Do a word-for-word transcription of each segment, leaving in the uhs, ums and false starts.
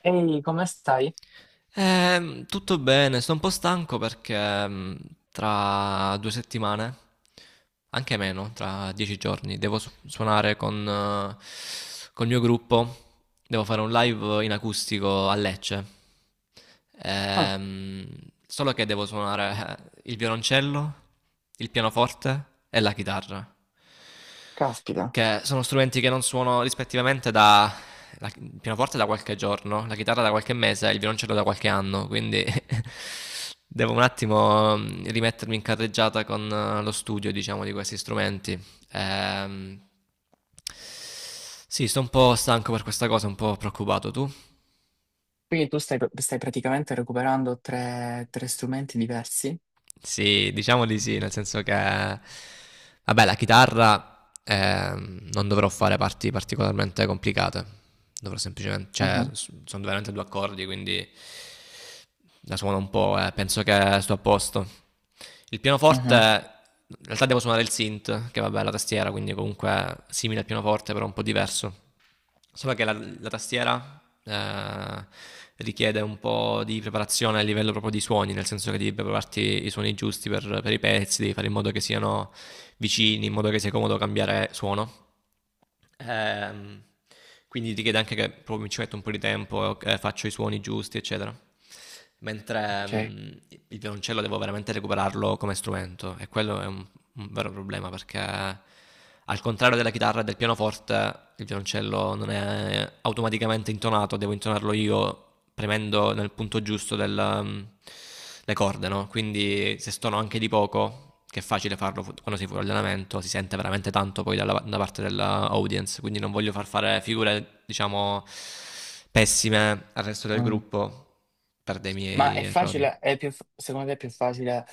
Ehi, come stai? Ehm, tutto bene, sto un po' stanco perché mh, tra due settimane, anche meno, tra dieci giorni, devo su- suonare con, eh, col mio gruppo. Devo fare un live in acustico a Lecce. Ah, Ehm, solo che devo suonare eh, il violoncello, il pianoforte e la chitarra caspita. che sono strumenti che non suono rispettivamente da la, il pianoforte da qualche giorno, la chitarra da qualche mese e il violoncello da qualche anno, quindi devo un attimo mm, rimettermi in carreggiata con eh, lo studio, diciamo, di questi strumenti. Ehm, sì, sto un po' stanco per questa cosa, un po' preoccupato tu. Quindi tu stai, stai praticamente recuperando tre, tre strumenti diversi? Sì, diciamo di sì, nel senso che, vabbè, la chitarra ehm, non dovrò fare parti particolarmente complicate, dovrò semplicemente, cioè, Mhm, s- sono veramente due accordi, quindi la suono un po', eh, penso che sto a posto. Il pianoforte, mhm, in realtà devo suonare il synth, che vabbè è la tastiera, quindi comunque è simile al pianoforte, però un po' diverso. Solo che la, la tastiera eh, richiede un po' di preparazione a livello proprio di suoni, nel senso che devi prepararti i suoni giusti per, per i pezzi, devi fare in modo che siano vicini, in modo che sia comodo cambiare suono. Ehm, quindi richiede anche che proprio ci metto un po' di tempo, eh, faccio i suoni giusti, eccetera. Mentre ok. mm, il violoncello devo veramente recuperarlo come strumento e quello è un, un vero problema perché al contrario della chitarra e del pianoforte, il violoncello non è automaticamente intonato, devo intonarlo io premendo nel punto giusto del, um, le corde, no? Quindi se stono anche di poco, che è facile farlo fu- quando si fuori allenamento, si sente veramente tanto poi dalla, da parte dell'audience, quindi non voglio far fare figure, diciamo, pessime al resto del Mm. gruppo per dei Ma miei è errori. facile, è più, secondo te è più facile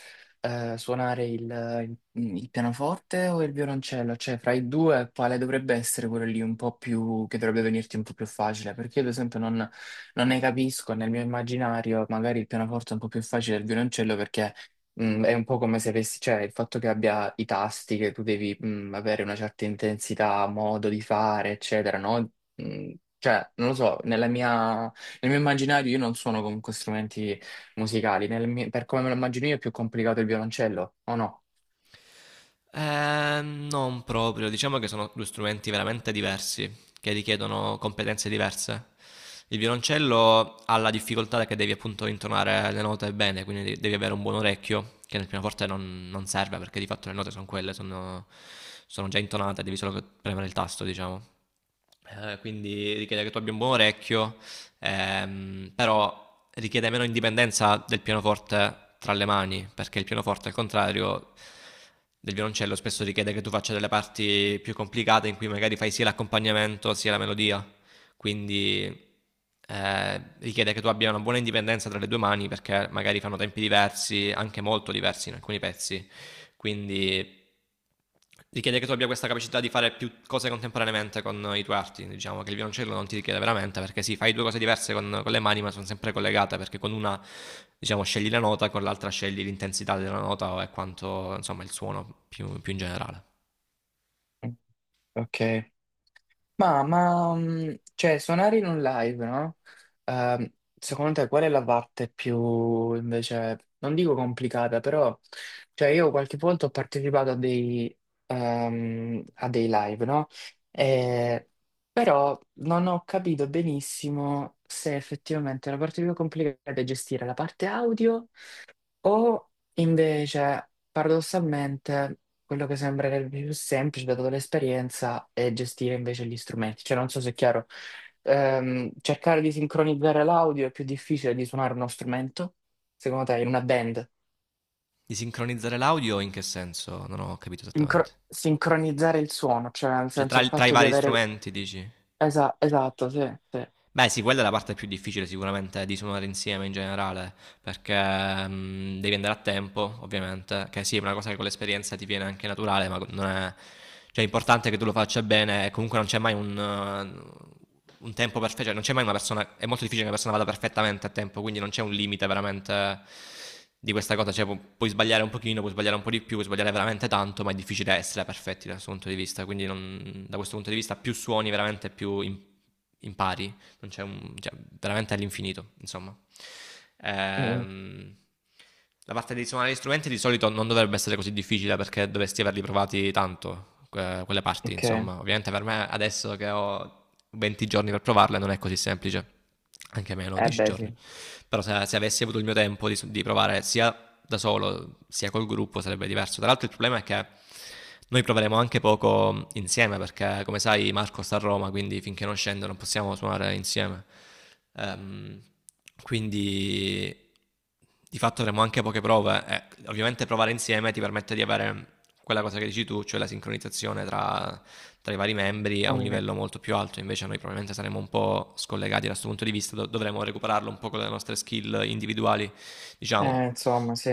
eh, suonare il, il pianoforte o il violoncello? Cioè, fra i due, quale dovrebbe essere quello lì un po' più, che dovrebbe venirti un po' più facile? Perché io, ad esempio, non, non ne capisco, nel mio immaginario magari il pianoforte è un po' più facile del violoncello perché mh, è un po' come se avessi, cioè, il fatto che abbia i tasti, che tu devi mh, avere una certa intensità, modo di fare, eccetera, no? Mh, Cioè, non lo so, nella mia, nel mio immaginario io non suono comunque strumenti musicali. Nel mio- per come me lo immagino io è più complicato il violoncello, o no? Eh, non proprio, diciamo che sono due strumenti veramente diversi, che richiedono competenze diverse. Il violoncello ha la difficoltà che devi appunto intonare le note bene, quindi de- devi avere un buon orecchio, che nel pianoforte non, non serve perché di fatto le note sono quelle, sono, sono già intonate, devi solo premere il tasto, diciamo. Eh, quindi richiede che tu abbia un buon orecchio ehm, però richiede meno indipendenza del pianoforte tra le mani, perché il pianoforte al contrario del violoncello spesso richiede che tu faccia delle parti più complicate in cui magari fai sia l'accompagnamento sia la melodia, quindi eh, richiede che tu abbia una buona indipendenza tra le due mani perché magari fanno tempi diversi, anche molto diversi in alcuni pezzi, quindi richiede che tu abbia questa capacità di fare più cose contemporaneamente con i tuoi arti. Diciamo che il violoncello non ti richiede veramente, perché sì, fai due cose diverse con, con le mani, ma sono sempre collegate, perché con una, diciamo, scegli la nota, con l'altra scegli l'intensità della nota e quanto, insomma, il suono più, più in generale. Ok. Ma, ma, mm, cioè, suonare in un live, no? Ehm, secondo te qual è la parte più, invece, non dico complicata, però, cioè, io qualche volta ho partecipato a dei, ehm, a dei live, no? E- però non ho capito benissimo se effettivamente la parte più complicata è gestire la parte audio, o invece, paradossalmente, quello che sembrerebbe più semplice, dato l'esperienza, è gestire invece gli strumenti. Cioè, non so se è chiaro. Ehm, cercare di sincronizzare l'audio è più difficile di suonare uno strumento, secondo te, in una band? Di sincronizzare l'audio in che senso? Non ho capito esattamente. Sincro- sincronizzare il suono, cioè nel Cioè, senso il tra, tra i fatto di vari avere. strumenti, dici? Esa- esatto, sì, sì. Beh, sì, quella è la parte più difficile sicuramente di suonare insieme in generale, perché mm, devi andare a tempo, ovviamente, che sì, è una cosa che con l'esperienza ti viene anche naturale, ma non è... Cioè, è importante che tu lo faccia bene e comunque non c'è mai un, eh, un tempo perfetto, cioè non c'è mai una persona... È molto difficile che una persona vada perfettamente a tempo, quindi non c'è un limite veramente di questa cosa, cioè pu- puoi sbagliare un pochino, puoi sbagliare un po' di più, puoi sbagliare veramente tanto, ma è difficile essere perfetti da questo punto di vista, quindi non- da questo punto di vista più suoni veramente più im- impari, non c'è un, cioè, veramente all'infinito, insomma. Mm, Ehm, la parte di suonare gli strumenti di solito non dovrebbe essere così difficile perché dovresti averli provati tanto, que- quelle parti, ok. insomma. Ovviamente per me adesso che ho venti giorni per provarle non è così semplice, anche meno Eh dieci beh, sì. giorni. Però se, se avessi avuto il mio tempo di, di provare sia da solo sia col gruppo sarebbe diverso. Tra l'altro il problema è che noi proveremo anche poco insieme perché, come sai, Marco sta a Roma, quindi finché non scende non possiamo suonare insieme. Ehm, quindi di fatto avremo anche poche prove. E ovviamente provare insieme ti permette di avere quella cosa che dici tu, cioè la sincronizzazione tra, tra i vari membri a un Mm, livello molto più alto. Invece noi probabilmente saremo un po' scollegati da questo punto di vista, do- dovremo recuperarlo un po' con le nostre skill individuali, diciamo. eh, insomma, sì.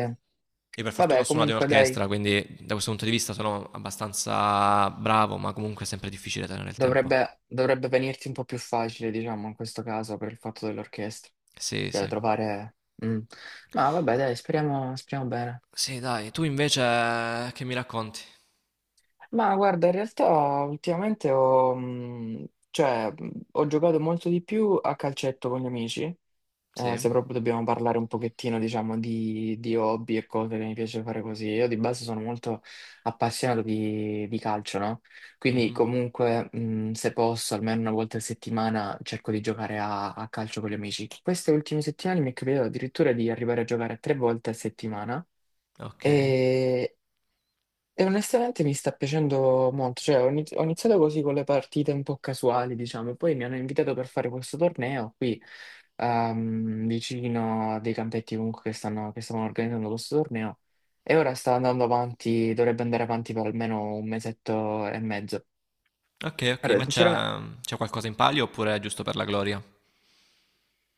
Io per fortuna ho Vabbè, suonato in comunque dai. orchestra, quindi da questo punto di vista sono abbastanza bravo, ma comunque è sempre difficile tenere il tempo. Dovrebbe, dovrebbe venirti un po' più facile, diciamo, in questo caso, per il fatto dell'orchestra. Sì, Cioè, sì. trovare. Mm. Ma vabbè, dai, speriamo, speriamo bene. Sì, dai, tu invece che mi racconti? Ma guarda, in realtà ultimamente ho, mm, cioè, mm, ho giocato molto di più a calcetto con gli amici. Eh, se Sì? proprio dobbiamo parlare un pochettino, diciamo, di, di hobby e cose che mi piace fare così, io di base sono molto appassionato di, di calcio, no? Quindi Mhm. comunque, mh, se posso, almeno una volta a settimana cerco di giocare a, a calcio con gli amici. Queste ultime settimane mi è capitato addirittura di arrivare a giocare tre volte a settimana. Ok. E, e onestamente mi sta piacendo molto, cioè ho iniz- ho iniziato così con le partite un po' casuali, diciamo, poi mi hanno invitato per fare questo torneo qui, ehm, vicino a dei campetti comunque che stanno, che stavano organizzando questo torneo, e ora sta andando avanti, dovrebbe andare avanti per almeno un mesetto e mezzo. Ok, ok, Allora, ma c'è sinceramente, c'è qualcosa in palio oppure è giusto per la gloria?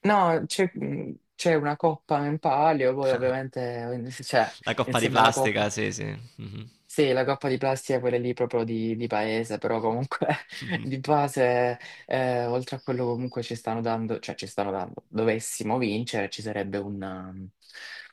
no, c'è mh, c'è una coppa in palio, poi ovviamente, eh, cioè, La coppa di insieme alla plastica, coppa. sì, sì. Mhm. Sì, la coppa di plastica, quella lì proprio di, di paese, però comunque di base, eh, oltre a quello comunque ci stanno dando, cioè ci stanno dando, dovessimo vincere, ci sarebbe un, um,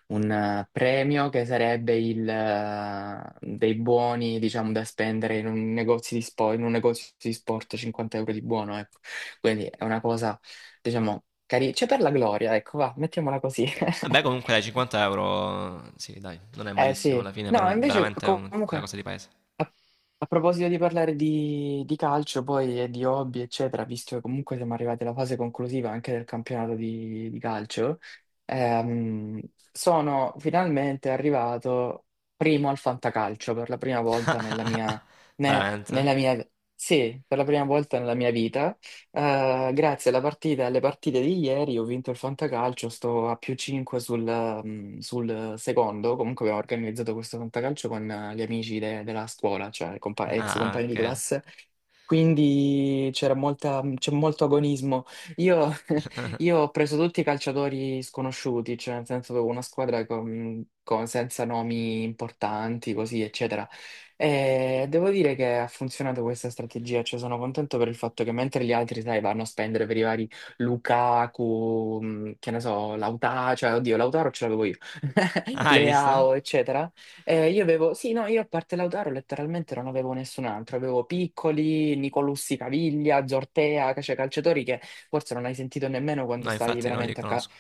un, eh, premio, che sarebbe il, eh, dei buoni, diciamo, da spendere in un negozio di sport, in un negozio di sport, cinquanta euro di buono, ecco. Quindi è una cosa, diciamo, carina, c'è per la gloria, ecco, va, mettiamola così. Vabbè, comunque dai, cinquanta euro, sì, dai, non è Eh malissimo sì, alla fine, per no, un- invece veramente è un- una comunque. cosa di paese. A, a proposito di parlare di, di calcio, poi e di hobby, eccetera, visto che comunque siamo arrivati alla fase conclusiva anche del campionato di, di calcio, ehm, sono finalmente arrivato primo al fantacalcio per la prima volta nella mia, ne- Veramente? nella mia, sì, per la prima volta nella mia vita. Eh, grazie alla partita, alle partite di ieri ho vinto il Fantacalcio, sto a più cinque sul, ehm, sul secondo. Comunque abbiamo organizzato questo Fantacalcio con eh, gli amici de- della scuola, cioè compa- ex Ah, compagni ok. di classe. Quindi c'era molta, c'è molto agonismo. Io, io ho preso tutti i calciatori sconosciuti, cioè nel senso avevo una squadra con- con- senza nomi importanti, così, eccetera. E devo dire che ha funzionato questa strategia, cioè sono contento per il fatto che mentre gli altri, sai, vanno a spendere per i vari Lukaku, mh, che ne so, Lautaro, cioè oddio, Lautaro ce l'avevo io, Ah, hai visto? Leao, eccetera. Eh, io avevo, sì, no, io a parte Lautaro letteralmente non avevo nessun altro, avevo Piccoli, Nicolussi Caviglia, Zortea, cioè calciatori che forse non hai sentito nemmeno quando No, stavi infatti non li veramente a, ca- conosco.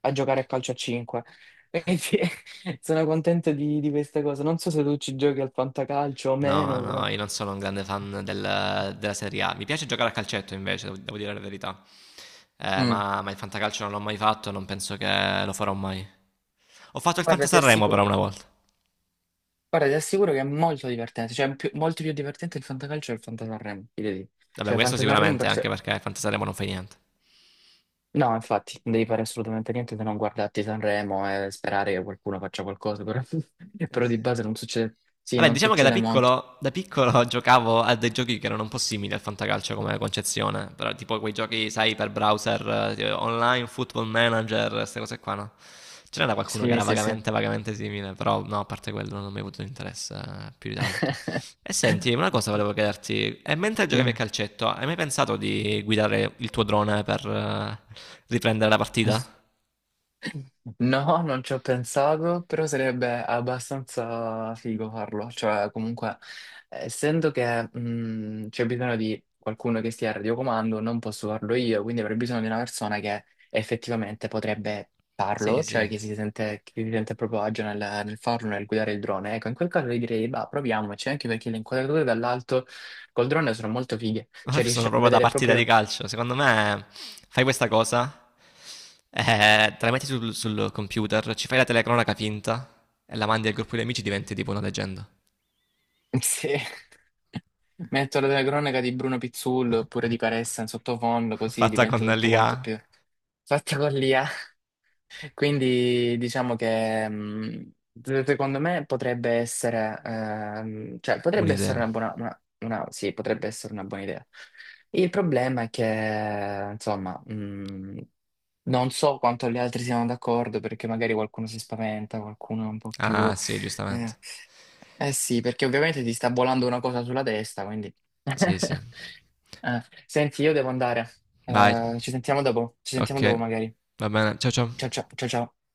a giocare a calcio a cinque. Quindi sono contento di, di questa cosa. Non so se tu ci giochi al fantacalcio o No, meno, no, però. io non sono un grande fan del- della Serie A. Mi piace giocare a calcetto invece, devo, devo dire la verità. Eh, Mm. ma, ma il fantacalcio non l'ho mai fatto, non penso che lo farò mai. Ho fatto il Guarda, ti Fantasarremo assicuro, però una volta. guarda, ti assicuro che è molto divertente, cioè è più- molto più divertente il fantacalcio del fantasarremo, ti devo dire. Vabbè, Cioè, il questo fantasarremo sicuramente per anche sé. perché il Fantasarremo non fa niente. No, infatti, non devi fare assolutamente niente se non guardarti Sanremo e sperare che qualcuno faccia qualcosa, però, Eh però di sì. base non succede. Sì, Vabbè, non diciamo che da succede molto. piccolo, da piccolo giocavo a dei giochi che erano un po' simili al fantacalcio come concezione, però tipo quei giochi, sai, per browser, eh, online, football manager, queste cose qua, no? Ce n'era qualcuno che Sì, era sì, sì. vagamente, vagamente simile, però no, a parte quello non mi ha avuto interesse eh, più di tanto. E senti, una cosa volevo chiederti, e mentre giocavi a Dimmi. calcetto, hai mai pensato di guidare il tuo drone per eh, riprendere la partita? No, non ci ho pensato, però sarebbe abbastanza figo farlo. Cioè, comunque, essendo che mh, c'è bisogno di qualcuno che stia al radiocomando, non posso farlo io, quindi avrei bisogno di una persona che effettivamente potrebbe Sì, farlo, cioè sì. che si sente, che si sente a proprio agio nel, nel farlo, nel guidare il drone. Ecco, in quel caso io direi, bah, proviamoci, anche perché le inquadrature dall'alto col drone sono molto fighe, cioè riesci Sono a proprio da vedere partita di proprio. calcio. Secondo me fai questa cosa, eh, te la metti sul, sul computer, ci fai la telecronaca finta e la mandi al gruppo di amici, diventi tipo una leggenda. Sì. Metto la cronaca di Bruno Pizzullo oppure di Caressa in sottofondo, così Fatta con diventa tutto l'I A. quanto più fatta con l'i a. Quindi diciamo che mh, se- secondo me potrebbe essere, ehm, cioè, potrebbe essere Un'idea. una buona, una- una- sì, potrebbe essere una buona idea. Il problema è che, insomma, mhmm, non so quanto gli altri siano d'accordo perché magari qualcuno si spaventa, qualcuno è un po' più. Ah, sì, Eh, giustamente. eh sì, perché ovviamente ti sta volando una cosa sulla testa, quindi. Sì, sì. Eh, Senti, io devo andare. Vai. Eh, ci sentiamo dopo, ci sentiamo Ok, dopo magari. va bene. Ciao, Ciao ciao. ciao, ciao ciao.